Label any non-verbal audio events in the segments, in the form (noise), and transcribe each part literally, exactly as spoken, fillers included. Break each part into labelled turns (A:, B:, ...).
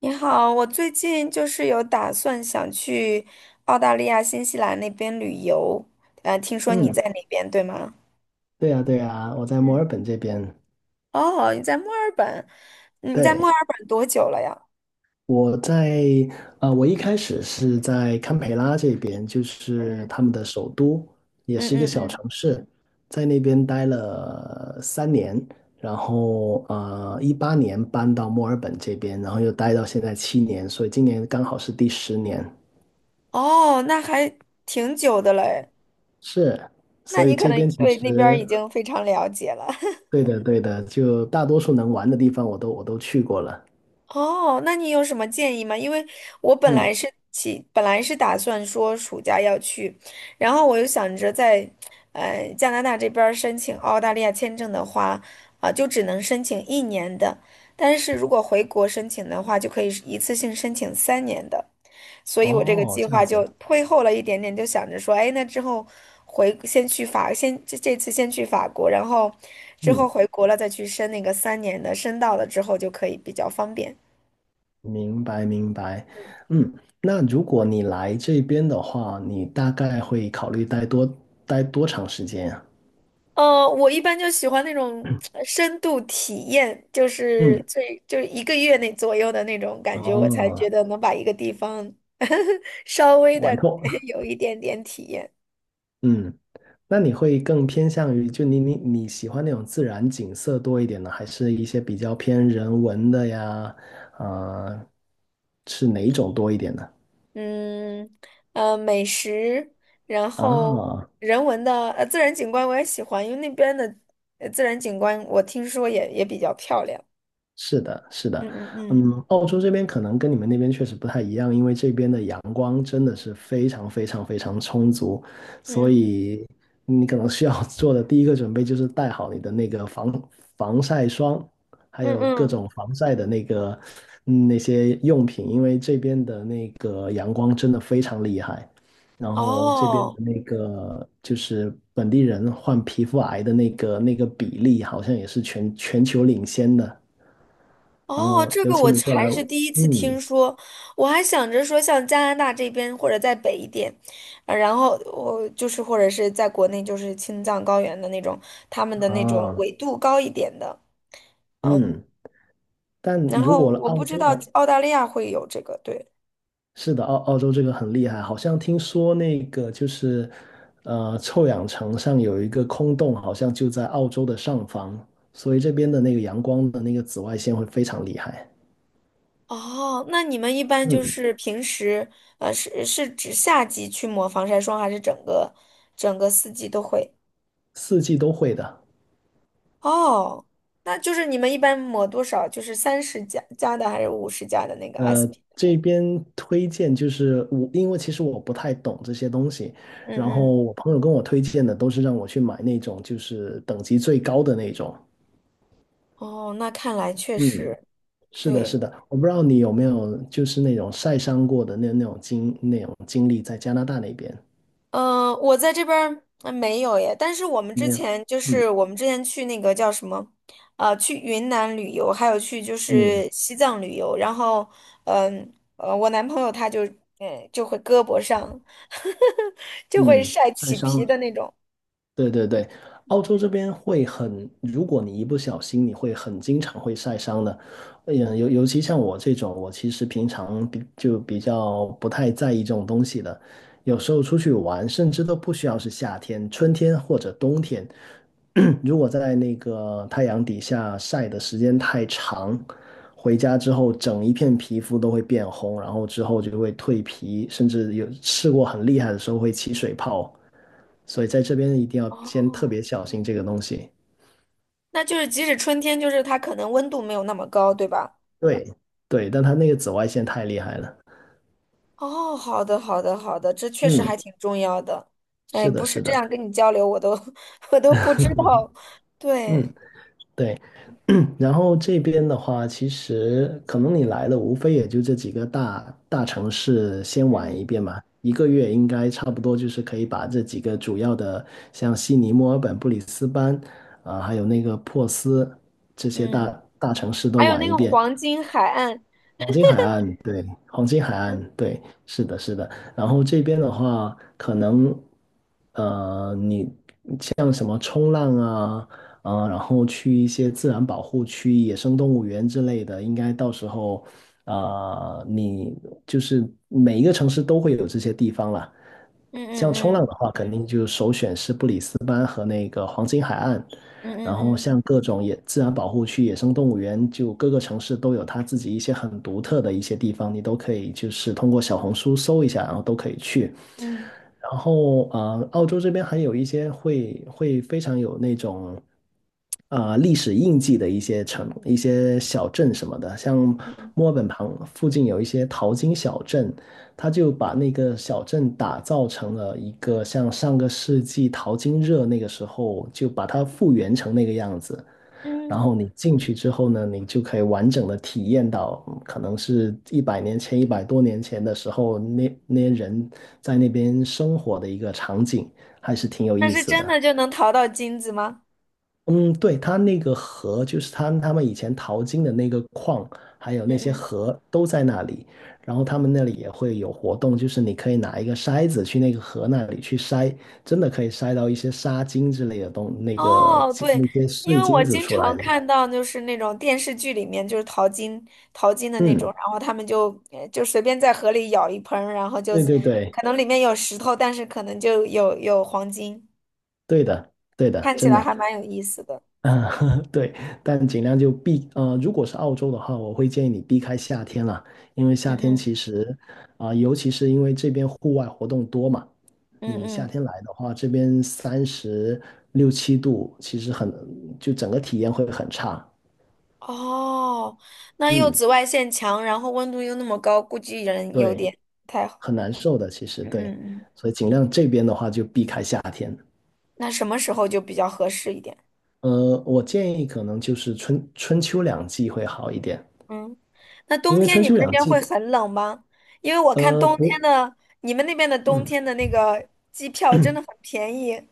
A: 你好，我最近就是有打算想去澳大利亚、新西兰那边旅游，呃，听说你在
B: 嗯，
A: 那边，对吗？
B: 对呀，对呀，我在墨
A: 嗯。
B: 尔本这边。
A: 哦，你在墨尔本，你在墨尔
B: 对，
A: 本多久了呀？
B: 我在呃，我一开始是在堪培拉这边，就是
A: 嗯。
B: 他们的首都，也
A: 嗯
B: 是一个
A: 嗯
B: 小
A: 嗯。
B: 城市，在那边待了三年，然后呃，一八年搬到墨尔本这边，然后又待到现在七年，所以今年刚好是第十年。
A: 哦，那还挺久的嘞。
B: 是，
A: 那
B: 所
A: 你
B: 以
A: 可
B: 这边
A: 能
B: 其
A: 对那边儿已
B: 实
A: 经非常了解了。
B: 对的，对的，就大多数能玩的地方我都我都去过了。
A: 哦，那你有什么建议吗？因为我本来
B: 嗯，
A: 是起，本来是打算说暑假要去，然后我又想着在，呃，加拿大这边儿申请澳大利亚签证的话，啊、就只能申请一年的，但是如果回国申请的话，就可以是一次性申请三年的，所以我这个
B: 哦，
A: 计
B: 这样
A: 划就
B: 子。
A: 推后了一点点，就想着说，哎，那之后回先去法，先这这次先去法国，然后之后
B: 嗯。
A: 回国了再去申那个三年的，申到了之后就可以比较方便。
B: 明白明白，嗯，那如果你来这边的话，你大概会考虑待多待多长时间啊？
A: 呃，我一般就喜欢那种呃深度体验，就是
B: 嗯，
A: 最就是一个月内左右的那种感觉，我才觉
B: 哦，
A: 得能把一个地方 (laughs) 稍微
B: 玩
A: 的
B: 透，
A: (laughs) 有一点点体验。
B: 嗯，那你会更偏向于就你你你喜欢那种自然景色多一点呢，还是一些比较偏人文的呀？啊、是哪一种多一点呢？
A: 嗯。呃，美食，然后
B: 啊，
A: 人文的呃自然景观我也喜欢，因为那边的呃自然景观我听说也也比较漂亮。
B: 是的，是的，
A: 嗯嗯嗯
B: 嗯，澳洲这边可能跟你们那边确实不太一样，因为这边的阳光真的是非常非常非常充足，所
A: 嗯
B: 以你可能需要 (laughs) 做的第一个准备就是带好你的那个防防晒霜，还
A: 嗯
B: 有各
A: 嗯。
B: 种防晒的那个嗯那些用品，因为这边的那个阳光真的非常厉害，然后这边的
A: 哦。
B: 那个就是本地人患皮肤癌的那个那个比例好像也是全全球领先的。然
A: 哦，
B: 后
A: 这
B: 有
A: 个我
B: 请你过来，
A: 还是第一次听
B: 嗯
A: 说，我还想着说像加拿大这边或者再北一点，呃然后我就是或者是在国内就是青藏高原的那种，他们的那种
B: 啊
A: 纬度高一点的，
B: 嗯，但
A: 然
B: 如
A: 后
B: 果
A: 我
B: 澳
A: 不知
B: 洲
A: 道
B: 的，
A: 澳大利亚会有这个，对。
B: 是的，澳澳洲这个很厉害，好像听说那个就是呃臭氧层上有一个空洞，好像就在澳洲的上方，所以这边的那个阳光的那个紫外线会非常厉害，
A: 哦，那你们一般就
B: 嗯，
A: 是平时，呃，是是指夏季去抹防晒霜，还是整个整个四季都会？
B: 四季都会的。
A: 哦，那就是你们一般抹多少？就是三十加加的还是五十加的那个
B: 呃，
A: S P？
B: 这边推荐就是我，因为其实我不太懂这些东西，然后
A: 嗯嗯。
B: 我朋友跟我推荐的都是让我去买那种就是等级最高的那种。
A: 哦，那看来确
B: 嗯，
A: 实
B: 是的，是
A: 对。
B: 的，我不知道你有没有就是那种晒伤过的那那种经那种经历在加拿大那边
A: 呃，我在这边儿呃没有耶，但是我们之
B: 没有？
A: 前就
B: 嗯
A: 是我们之前去那个叫什么，呃，去云南旅游，还有去就
B: 嗯
A: 是西藏旅游，然后，嗯呃，我男朋友他就，呃，就会胳膊上 (laughs) 就会
B: 嗯，
A: 晒
B: 晒
A: 起
B: 伤
A: 皮
B: 了。
A: 的那种。
B: 对对对，澳洲这边会很，如果你一不小心，你会很经常会晒伤的。嗯，尤尤其像我这种，我其实平常比就比较不太在意这种东西的。有时候出去玩，甚至都不需要是夏天、春天或者冬天，(clears throat) 如果在那个太阳底下晒的时间太长，回家之后整一片皮肤都会变红，然后之后就会蜕皮，甚至有试过很厉害的时候会起水泡。所以在这边一定要先特
A: 哦，
B: 别小心这个东西。
A: 那就是即使春天，就是他可能温度没有那么高，对吧？
B: 对对，但它那个紫外线太厉害了。
A: 哦，好的，好的，好的，这确实
B: 嗯，
A: 还挺重要的。哎，
B: 是
A: 不
B: 的，
A: 是
B: 是
A: 这
B: 的，
A: 样跟你交流，我都 (laughs) 我都不知道。
B: 嗯，
A: 对。
B: 对。(clears throat) 然后这边的话，其实可能你来了，无非也就这几个大大城市先玩
A: 嗯
B: 一遍嘛。一个月应该差不多就是可以把这几个主要的，像悉尼、墨尔本、布里斯班，啊、还有那个珀斯这些
A: 嗯。
B: 大大城市都
A: 还有
B: 玩
A: 那
B: 一
A: 个
B: 遍。
A: 黄金海岸。
B: 黄金海岸，对，黄金海岸，
A: 嗯
B: 对，是的，是的。然后这边的话，可能，呃，你像什么冲浪啊，啊、然后去一些自然保护区、野生动物园之类的，应该到时候，啊、你就是每一个城市都会有这些地方啦。
A: 嗯
B: 像冲浪的
A: 嗯
B: 话，肯定就首选是布里斯班和那个黄金海岸。
A: 嗯
B: 然
A: 嗯
B: 后
A: 嗯
B: 像各种野自然保护区、野生动物园，就各个城市都有它自己一些很独特的一些地方，你都可以就是通过小红书搜一下，然后都可以去。
A: 嗯
B: 然后呃，澳洲这边还有一些会会非常有那种啊、呃历史印记的一些城、一些小镇什么的，像
A: 嗯嗯
B: 墨尔本旁附近有一些淘金小镇，他就把那个小镇打造成了一个像上个世纪淘金热那个时候，就把它复原成那个样子。然
A: 嗯。
B: 后你进去之后呢，你就可以完整的体验到，嗯可能是一百年前、一百多年前的时候，那那些人在那边生活的一个场景，还是挺有
A: 但
B: 意
A: 是
B: 思
A: 真
B: 的。
A: 的就能淘到金子吗？
B: 嗯，对，它那个河，就是他他们以前淘金的那个矿，还有
A: 嗯
B: 那些
A: 嗯。
B: 河都在那里。然后他们那里也会有活动，就是你可以拿一个筛子去那个河那里去筛，真的可以筛到一些沙金之类的东，那个
A: 哦，
B: 金
A: 对，
B: 那些
A: 因
B: 碎
A: 为我
B: 金子
A: 经
B: 出来
A: 常
B: 的。
A: 看到就是那种电视剧里面就是淘金淘金的那
B: 嗯，
A: 种，然后他们就呃就随便在河里舀一盆儿然后就
B: 对对对，
A: 可能里面有石头，但是可能就有有黄金，
B: 对的，对的，
A: 看起
B: 真
A: 来还
B: 的。
A: 蛮有意思的。
B: 嗯，(laughs) 对，但尽量就避，呃，如果是澳洲的话，我会建议你避开夏天了，因为夏
A: 嗯
B: 天
A: 嗯
B: 其实，啊、尤其是因为这边户外活动多嘛，
A: 嗯
B: 你夏
A: 嗯。
B: 天来的话，这边三十六七度，其实很，就整个体验会很差，
A: 哦，那又
B: 嗯，
A: 紫外线强，然后温度又那么高，估计人有
B: 对，
A: 点不太好。
B: 很难受的，其实
A: 嗯
B: 对，
A: 嗯嗯。
B: 所以尽量这边的话就避开夏天，
A: 那什么时候就比较合适一点？
B: 呃，我建议可能就是春春秋两季会好一点，
A: 嗯。那
B: 因
A: 冬
B: 为
A: 天
B: 春
A: 你们
B: 秋
A: 那
B: 两
A: 边
B: 季
A: 会
B: 的，
A: 很冷吗？因为我看
B: 呃，
A: 冬天
B: 不。
A: 的，你们那边的冬
B: 嗯
A: 天的那个机票真的很便宜。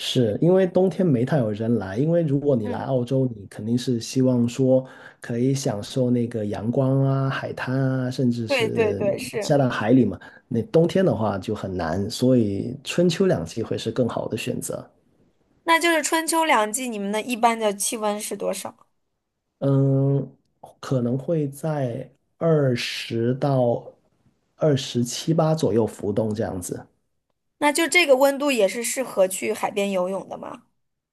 B: 是因为冬天没太有人来，因为如果你来
A: 嗯，
B: 澳洲，你肯定是希望说可以享受那个阳光啊、海滩啊，甚至
A: 对对
B: 是
A: 对，是。
B: 下到海里嘛。那冬天的话就很难，所以春秋两季会是更好的选择。
A: 那就是春秋两季，你们的一般的气温是多少？
B: 嗯，可能会在二十到二十七八左右浮动这样子。
A: 那就这个温度也是适合去海边游泳的吗？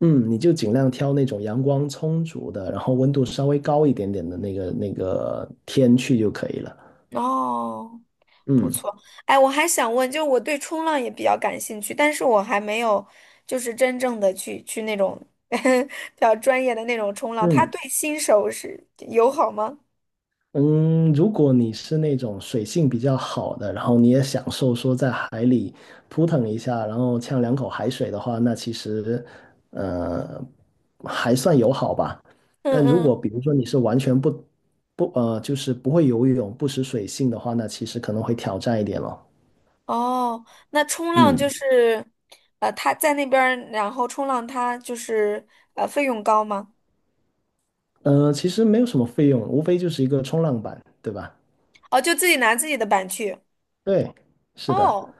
B: 嗯，你就尽量挑那种阳光充足的，然后温度稍微高一点点的那个那个天去就可以了。
A: 哦，不
B: 嗯
A: 错。哎，我还想问，就是我对冲浪也比较感兴趣，但是我还没有就是真正的去去那种 (laughs) 比较专业的那种冲浪，他
B: 嗯
A: 对新手是友好吗？
B: 嗯，如果你是那种水性比较好的，然后你也享受说在海里扑腾一下，然后呛两口海水的话，那其实呃还算友好吧。
A: 嗯
B: 但如果
A: 嗯。
B: 比如说你是完全不不呃就是不会游泳、不识水性的话，那其实可能会挑战一点咯。
A: 哦，那冲浪就
B: 嗯
A: 是，呃，他在那边儿，然后冲浪他就是呃费用高吗？
B: 呃，其实没有什么费用，无非就是一个冲浪板，对吧？
A: 哦，就自己拿自己的板去。
B: 对，是的，
A: 哦，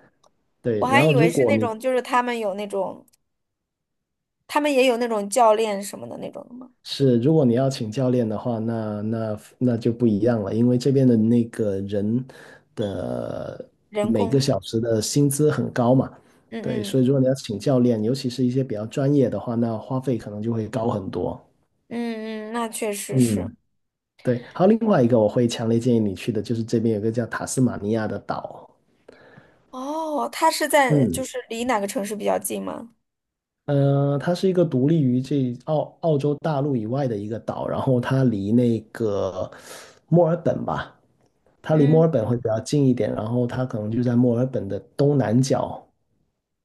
B: 对。
A: 我还
B: 然后
A: 以为
B: 如
A: 是
B: 果
A: 那
B: 你
A: 种，就是他们有那种，他们也有那种教练什么的那种的吗？
B: 是，如果你要请教练的话，那那那就不一样了，因为这边的那个人的
A: 人
B: 每个
A: 工。
B: 小时的薪资很高嘛，
A: 嗯
B: 对，
A: 嗯
B: 所以如果你要请教练，尤其是一些比较专业的话，那花费可能就会高很多。
A: 嗯嗯。那确实是。
B: 嗯，对。还有另外一个我会强烈建议你去的，就是这边有个叫塔斯马尼亚的岛。
A: 哦，他是在就
B: 嗯，
A: 是离哪个城市比较近吗？
B: 嗯，它是一个独立于这澳澳洲大陆以外的一个岛，然后它离那个墨尔本吧，它离墨
A: 嗯。
B: 尔本会比较近一点，然后它可能就在墨尔本的东南角，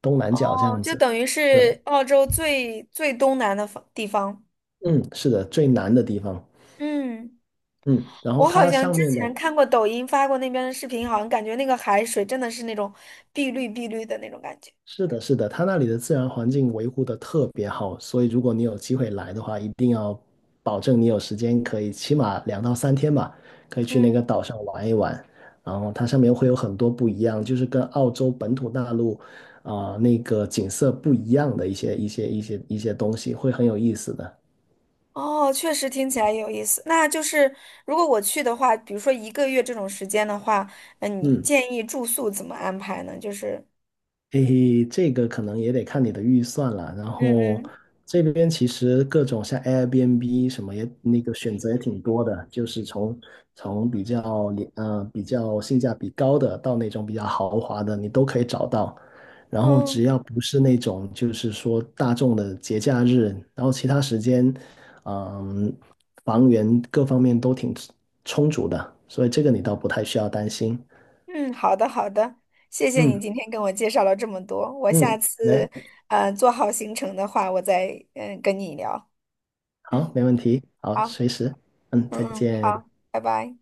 B: 东南角这
A: 哦，
B: 样
A: 就
B: 子。
A: 等于是
B: 对，
A: 澳洲最最东南的方地方。
B: 嗯，是的，最南的地方。
A: 嗯。
B: 嗯，然后
A: 我好
B: 它
A: 像
B: 上
A: 之
B: 面
A: 前
B: 的
A: 看过抖音发过那边的视频，好像感觉那个海水真的是那种碧绿碧绿的那种感觉。
B: 是的，是的，它那里的自然环境维护的特别好，所以如果你有机会来的话，一定要保证你有时间，可以起码两到三天吧，可以去那个
A: 嗯。
B: 岛上玩一玩。然后它上面会有很多不一样，就是跟澳洲本土大陆啊、那个景色不一样的一些一些一些一些东西，会很有意思的。
A: 哦，确实听起来有意思。那就是如果我去的话，比如说一个月这种时间的话，嗯，你
B: 嗯。
A: 建议住宿怎么安排呢？就是，
B: 诶，这个可能也得看你的预算了。然
A: 嗯
B: 后
A: 嗯
B: 这边其实各种像 Airbnb 什么也那个选择也挺多的，就是从从比较廉呃比较性价比高的到那种比较豪华的，你都可以找到。然后只
A: 嗯
B: 要不是那种就是说大众的节假日，然后其他时间，嗯，房源各方面都挺充足的，所以这个你倒不太需要担心。
A: 嗯，好的好的，谢谢你
B: 嗯
A: 今天跟我介绍了这么多。我下
B: 嗯，没
A: 次嗯，做好行程的话，我再嗯跟你聊。
B: 好，
A: 嗯，
B: 没问题，好，
A: 好，
B: 随时，嗯，
A: 嗯
B: 再
A: 嗯，
B: 见。
A: 好，拜拜。